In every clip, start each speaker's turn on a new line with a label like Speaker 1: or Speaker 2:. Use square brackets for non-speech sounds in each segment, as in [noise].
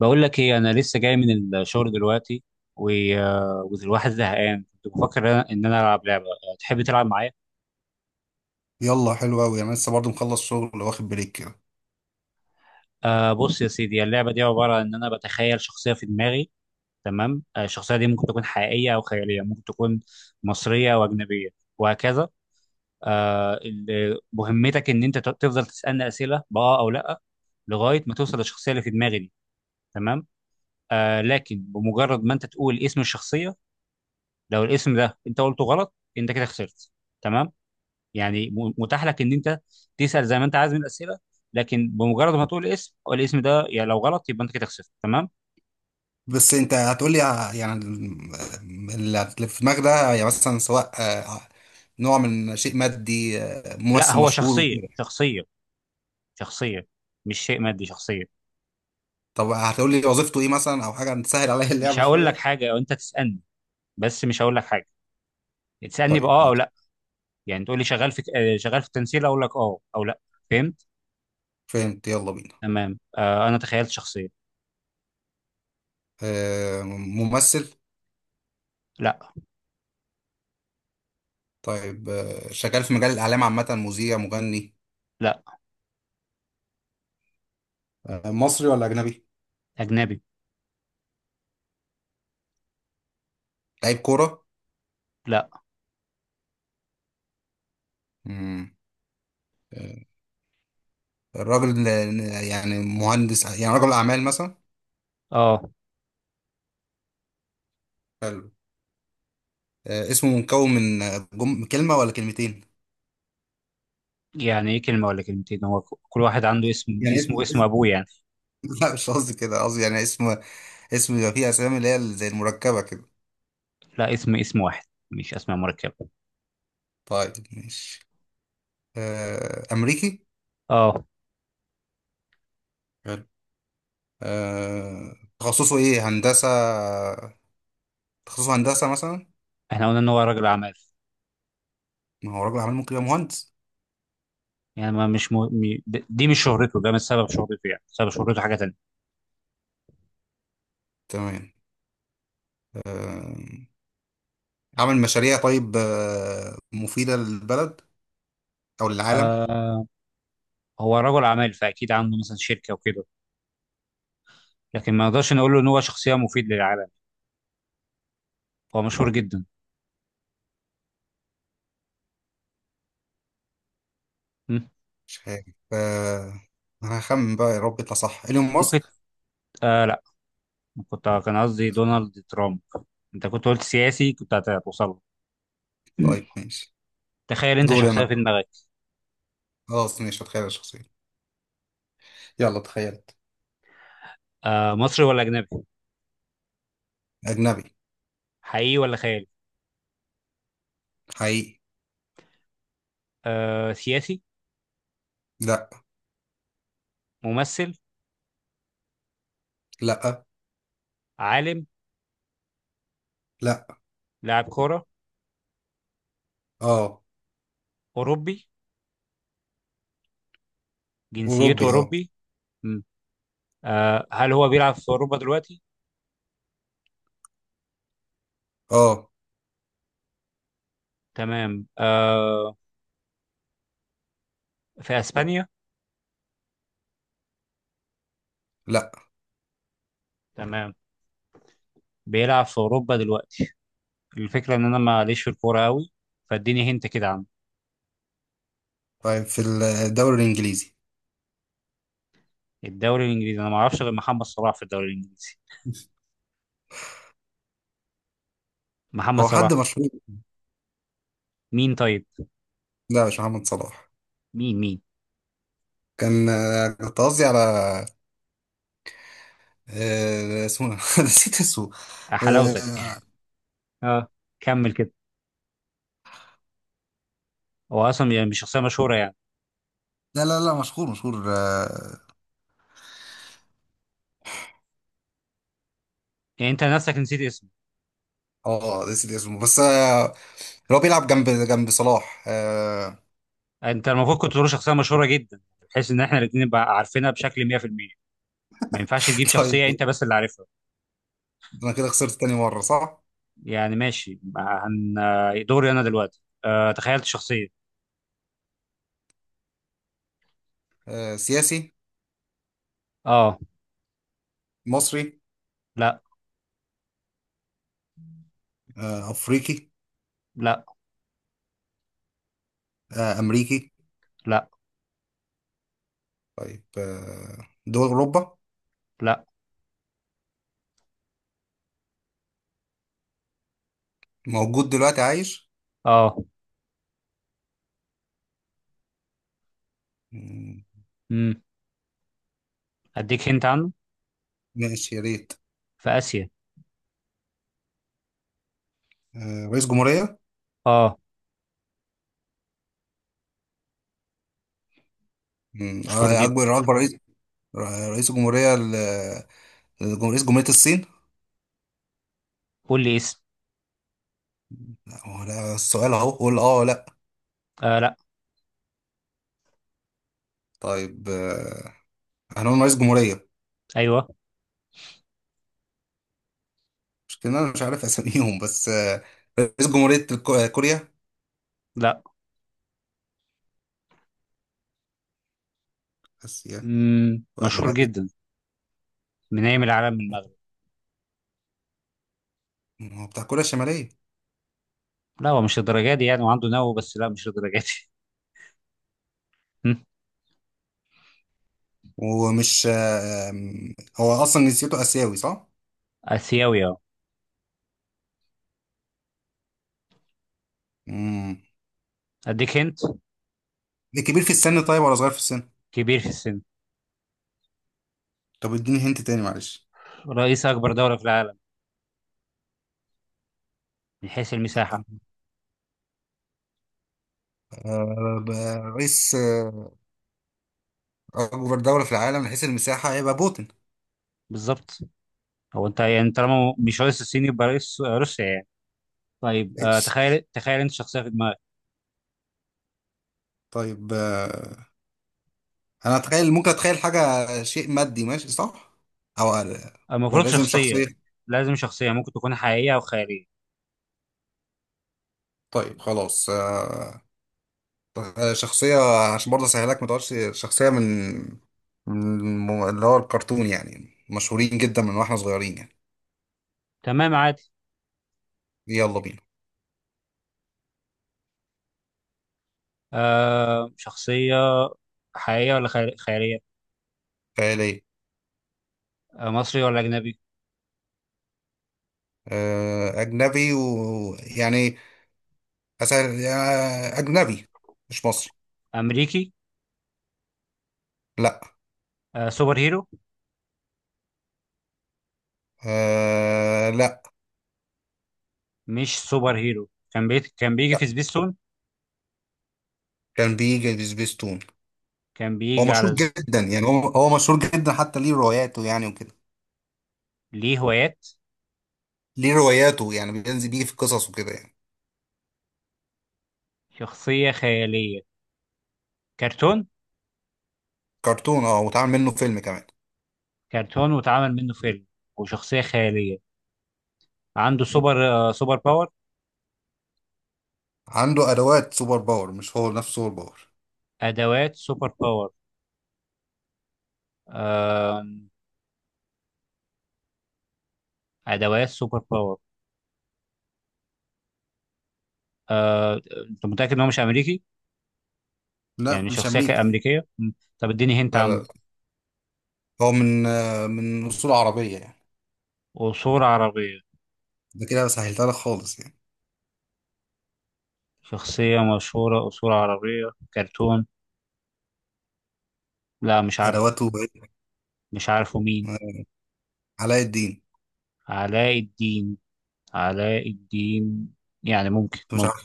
Speaker 1: بقول لك ايه؟ انا لسه جاي من الشغل دلوقتي. و... آه، والواحد زهقان. كنت بفكر ان انا إن انا العب لعبه. تحب تلعب معايا؟
Speaker 2: يلا حلو قوي، انا لسه برضو مخلص شغل واخد بريك كده.
Speaker 1: بص يا سيدي، اللعبه دي عباره عن ان انا بتخيل شخصيه في دماغي، تمام؟ الشخصيه دي ممكن تكون حقيقيه او خياليه، ممكن تكون مصريه او اجنبيه، وهكذا. مهمتك ان انت تفضل تسالني اسئله باه او لا، لغايه ما توصل للشخصيه اللي في دماغي دي، تمام؟ لكن بمجرد ما انت تقول اسم الشخصيه، لو الاسم ده انت قلته غلط انت كده خسرت، تمام؟ يعني متاح لك ان انت تسال زي ما انت عايز من الاسئله، لكن بمجرد ما تقول الاسم ده، يعني لو غلط يبقى انت كده خسرت، تمام.
Speaker 2: بس انت هتقولي اللي في دماغك ده، يعني مثلا سواء نوع من شيء مادي،
Speaker 1: لا،
Speaker 2: ممثل
Speaker 1: هو
Speaker 2: مشهور
Speaker 1: شخصيه،
Speaker 2: وكده.
Speaker 1: شخصيه، شخصيه، مش شيء مادي، شخصيه.
Speaker 2: طب هتقولي وظيفته ايه مثلا، او حاجه تسهل عليا
Speaker 1: مش
Speaker 2: اللعبه
Speaker 1: هقول لك
Speaker 2: شويه.
Speaker 1: حاجه، او انت تسالني، بس مش هقول لك حاجه. تسالني
Speaker 2: طيب
Speaker 1: باه او
Speaker 2: ماشي.
Speaker 1: لا. يعني تقول لي شغال في التمثيل، اقول لك اه او لا. فهمت؟
Speaker 2: فهمت، يلا بينا.
Speaker 1: تمام، انا تخيلت شخصيه.
Speaker 2: ممثل.
Speaker 1: لا.
Speaker 2: طيب، شغال في مجال الاعلام عامه، مذيع مغني.
Speaker 1: لا،
Speaker 2: مصري ولا اجنبي؟
Speaker 1: اجنبي.
Speaker 2: لعيب كوره.
Speaker 1: لا.
Speaker 2: مم. آه، الراجل يعني مهندس، يعني رجل اعمال مثلا.
Speaker 1: اه.
Speaker 2: حلو. اسمه مكون من كلمة ولا كلمتين؟
Speaker 1: يعني ايه كلمه ولا كلمتين؟ هو كل واحد عنده اسم،
Speaker 2: يعني
Speaker 1: اسمه
Speaker 2: اسم.
Speaker 1: اسم ابوه يعني.
Speaker 2: [laughs] لا، مش قصدي كده، قصدي يعني اسم. اسم يبقى فيه أسامي اللي هي زي المركبة كده.
Speaker 1: لا، اسم واحد، مش اسماء مركبه.
Speaker 2: طيب ماشي. أمريكي.
Speaker 1: اه.
Speaker 2: حلو. تخصصه إيه، هندسة؟ تخصصه هندسة مثلا.
Speaker 1: احنا قلنا ان هو راجل اعمال.
Speaker 2: ما هو راجل عمل ممكن يبقى مهندس.
Speaker 1: يعني ما مش م... م... د- دي مش شهرته، ده مش سبب شهرته، يعني سبب شهرته حاجه تانية.
Speaker 2: تمام. آه، عمل مشاريع طيب، مفيدة للبلد أو للعالم.
Speaker 1: آه هو رجل اعمال فاكيد عنده مثلا شركه وكده، لكن ما نقدرش نقول له ان هو شخصيه مفيد للعالم. هو مشهور جدا. م?
Speaker 2: مش عارف. آه، أنا هخمن بقى، يا رب يطلع صح، إيلون
Speaker 1: ممكن.
Speaker 2: ماسك.
Speaker 1: لا. كنت آه، كان قصدي دونالد ترامب. انت كنت قلت سياسي كنت هتوصل له.
Speaker 2: طيب ماشي.
Speaker 1: تخيل انت
Speaker 2: دوري أنا.
Speaker 1: شخصيه في دماغك.
Speaker 2: خلاص ماشي هتخيل الشخصية. يلا تخيلت.
Speaker 1: مصري ولا اجنبي؟
Speaker 2: أجنبي.
Speaker 1: حقيقي ولا خيالي؟
Speaker 2: حقيقي.
Speaker 1: سياسي؟
Speaker 2: لأ.
Speaker 1: ممثل؟
Speaker 2: لأ.
Speaker 1: عالم؟
Speaker 2: لأ.
Speaker 1: لاعب كوره؟
Speaker 2: اه.
Speaker 1: اوروبي؟ جنسيته
Speaker 2: أوروبي، اه.
Speaker 1: اوروبي. هل هو بيلعب في أوروبا دلوقتي؟
Speaker 2: اه.
Speaker 1: تمام. في أسبانيا؟
Speaker 2: لأ.
Speaker 1: تمام. بيلعب في أوروبا دلوقتي. الفكرة إن أنا ماليش في الكورة أوي، فاديني هنت كده عنه.
Speaker 2: طيب، في الدوري الإنجليزي.
Speaker 1: الدوري الإنجليزي؟ أنا معرفش غير محمد صلاح في الدوري الإنجليزي. محمد
Speaker 2: هو حد
Speaker 1: صلاح.
Speaker 2: مشهور.
Speaker 1: مين طيب؟
Speaker 2: لا، مش محمد صلاح.
Speaker 1: مين مين؟
Speaker 2: كان آه، كنت قصدي على، اسمه إيه؟ [laughs] نسيت اسمه.
Speaker 1: حلاوتك
Speaker 2: آه،
Speaker 1: [laughs] اه، كمل كده. هو أصلا يعني مش شخصية مشهورة يعني.
Speaker 2: لا لا لا، مشهور مشهور، اه.
Speaker 1: يعني أنت نفسك نسيت اسمه.
Speaker 2: نسيت اسمه، بس اللي هو بيلعب جنب جنب صلاح.
Speaker 1: أنت المفروض كنت تقول شخصية مشهورة جدا، بحيث إن إحنا الاتنين نبقى عارفينها بشكل 100%. ما ينفعش تجيب
Speaker 2: [laughs] طيب.
Speaker 1: شخصية أنت بس اللي عارفها.
Speaker 2: أنا كده خسرت تاني مرة، صح؟
Speaker 1: يعني ماشي. هن آه، دوري انا دلوقتي، تخيلت شخصية.
Speaker 2: سياسي.
Speaker 1: اه.
Speaker 2: مصري.
Speaker 1: لا.
Speaker 2: أفريقي.
Speaker 1: لا.
Speaker 2: أمريكي.
Speaker 1: لا.
Speaker 2: طيب، دول أوروبا.
Speaker 1: لا.
Speaker 2: موجود دلوقتي عايش.
Speaker 1: اه.
Speaker 2: مم،
Speaker 1: امم اديك هنت عنه.
Speaker 2: ماشي يا ريت.
Speaker 1: في اسيا.
Speaker 2: رئيس جمهورية.
Speaker 1: اه. مشهور جدا.
Speaker 2: أكبر رئيس. رئيس جمهورية رئيس جمهورية الصين.
Speaker 1: قول لي اسم.
Speaker 2: لا، هو ده السؤال أهو، قول أه ولا لأ.
Speaker 1: لا.
Speaker 2: طيب، هنقول رئيس جمهورية.
Speaker 1: ايوه.
Speaker 2: مش كده، أنا مش عارف أساميهم بس رئيس جمهورية كوريا.
Speaker 1: لا.
Speaker 2: آسيا.
Speaker 1: مشهور
Speaker 2: وأجنبي.
Speaker 1: جدا من ايام العالم من المغرب.
Speaker 2: هو بتاع كوريا الشمالية.
Speaker 1: لا، هو مش الدرجة دي يعني وعنده نو، بس لا مش الدرجة دي. هم؟
Speaker 2: ومش، هو أصلا جنسيته آسيوي، صح؟
Speaker 1: اسيوي، اه.
Speaker 2: مم.
Speaker 1: اديك هنت.
Speaker 2: ده كبير في السن طيب، ولا صغير في السن؟
Speaker 1: كبير في السن.
Speaker 2: طب اديني هنت تاني معلش.
Speaker 1: رئيس اكبر دولة في العالم من حيث المساحة.
Speaker 2: طب، آه، ب- رئيس أكبر دولة في العالم من حيث المساحة هيبقى بوتين.
Speaker 1: بالظبط. هو انت يعني طالما مش رئيس الصين يبقى رئيس روسيا يعني. طيب،
Speaker 2: ماشي.
Speaker 1: تخيل انت شخصيه في دماغك.
Speaker 2: طيب، أنا أتخيل، ممكن أتخيل حاجة شيء مادي ماشي صح؟ أو آه، ولا
Speaker 1: المفروض
Speaker 2: لازم
Speaker 1: شخصيه.
Speaker 2: شخصية؟
Speaker 1: لازم شخصيه، ممكن تكون حقيقيه او خياليه.
Speaker 2: طيب خلاص، شخصية. عشان برضه أسهلك ما تقولش شخصية من اللي هو الكرتون، يعني مشهورين جدا من واحنا صغيرين يعني.
Speaker 1: تمام، عادي.
Speaker 2: يلا بينا.
Speaker 1: شخصيه حقيقيه ولا خياليه؟
Speaker 2: خيال ايه.
Speaker 1: مصري ولا اجنبي؟
Speaker 2: أجنبي، ويعني أسأل، يا أجنبي مش مصري.
Speaker 1: امريكي؟
Speaker 2: لا.
Speaker 1: سوبر هيرو؟
Speaker 2: آه، لا.
Speaker 1: مش سوبر هيرو. كان بيجي
Speaker 2: لا،
Speaker 1: في سبيستون.
Speaker 2: كان بيجي في سبيستون.
Speaker 1: كان
Speaker 2: هو
Speaker 1: بيجي على
Speaker 2: مشهور
Speaker 1: ز-
Speaker 2: جدا، يعني هو مشهور جدا، حتى ليه رواياته يعني وكده.
Speaker 1: ليه هوايات؟
Speaker 2: ليه رواياته، يعني بينزل بيه في قصص وكده يعني.
Speaker 1: شخصيه خياليه، كرتون.
Speaker 2: كرتون، اه، واتعمل منه فيلم كمان.
Speaker 1: كرتون واتعمل منه فيلم، وشخصيه خياليه. عنده سوبر باور.
Speaker 2: عنده أدوات سوبر باور، مش هو نفسه سوبر باور.
Speaker 1: ادوات سوبر باور، آه ادوات سوبر باور. آه، انت متاكد ان هو مش امريكي؟
Speaker 2: لا،
Speaker 1: يعني
Speaker 2: مش
Speaker 1: شخصيه
Speaker 2: أمريكي.
Speaker 1: امريكيه. طب اديني هنت
Speaker 2: لا لا
Speaker 1: عنه.
Speaker 2: لا. هو من أصول عربية يعني.
Speaker 1: قصور عربيه.
Speaker 2: ده كده سهلتها لك خالص يعني.
Speaker 1: شخصيه مشهوره، قصور عربيه، كرتون. لا، مش عارفه.
Speaker 2: أدواته بقت-
Speaker 1: مش عارفه مين.
Speaker 2: آه، علاء الدين.
Speaker 1: علاء الدين. علاء الدين. يعني ممكن،
Speaker 2: انت مش
Speaker 1: ممكن.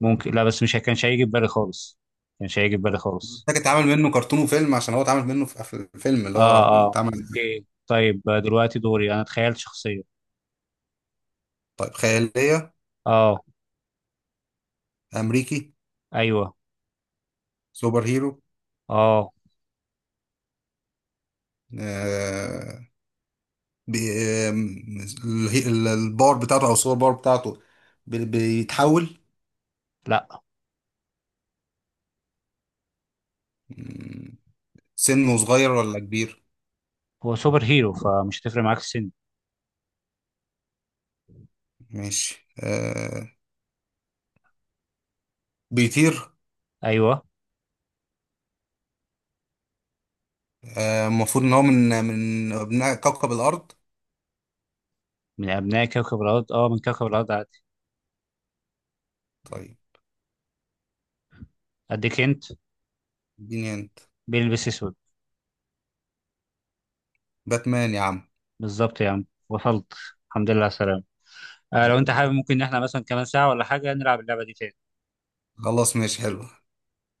Speaker 1: ممكن، لا، بس مش كانش هيجي في بالي خالص. كانش هيجي في بالي خالص.
Speaker 2: محتاج اتعمل منه كرتون وفيلم، عشان هو اتعمل منه في الفيلم اللي هو
Speaker 1: اه،
Speaker 2: اللي
Speaker 1: اه.
Speaker 2: اتعمل.
Speaker 1: اوكي. طيب، دلوقتي دوري انا تخيلت شخصيه.
Speaker 2: طيب خيالية.
Speaker 1: اه.
Speaker 2: أمريكي.
Speaker 1: ايوه.
Speaker 2: سوبر هيرو.
Speaker 1: اه.
Speaker 2: آه. بي- آم، الباور بتاعته أو السوبر باور بتاعته. بيتحول.
Speaker 1: لا،
Speaker 2: مم، سنه صغير ولا كبير؟
Speaker 1: هو سوبر هيرو فمش هتفرق معاك السن.
Speaker 2: ماشي، آه. بيطير.
Speaker 1: ايوه.
Speaker 2: المفروض إن هو من أبناء كوكب الأرض.
Speaker 1: من أبناء كوكب الأرض. أه، من كوكب الأرض عادي.
Speaker 2: طيب
Speaker 1: أديك أنت.
Speaker 2: اديني أنت.
Speaker 1: بيلبس أسود.
Speaker 2: باتمان يا عم.
Speaker 1: بالظبط يا عم، وصلت. الحمد لله على السلامة. لو أنت حابب ممكن إن إحنا مثلا كمان ساعة ولا حاجة نلعب اللعبة دي تاني.
Speaker 2: خلاص ماشي حلو.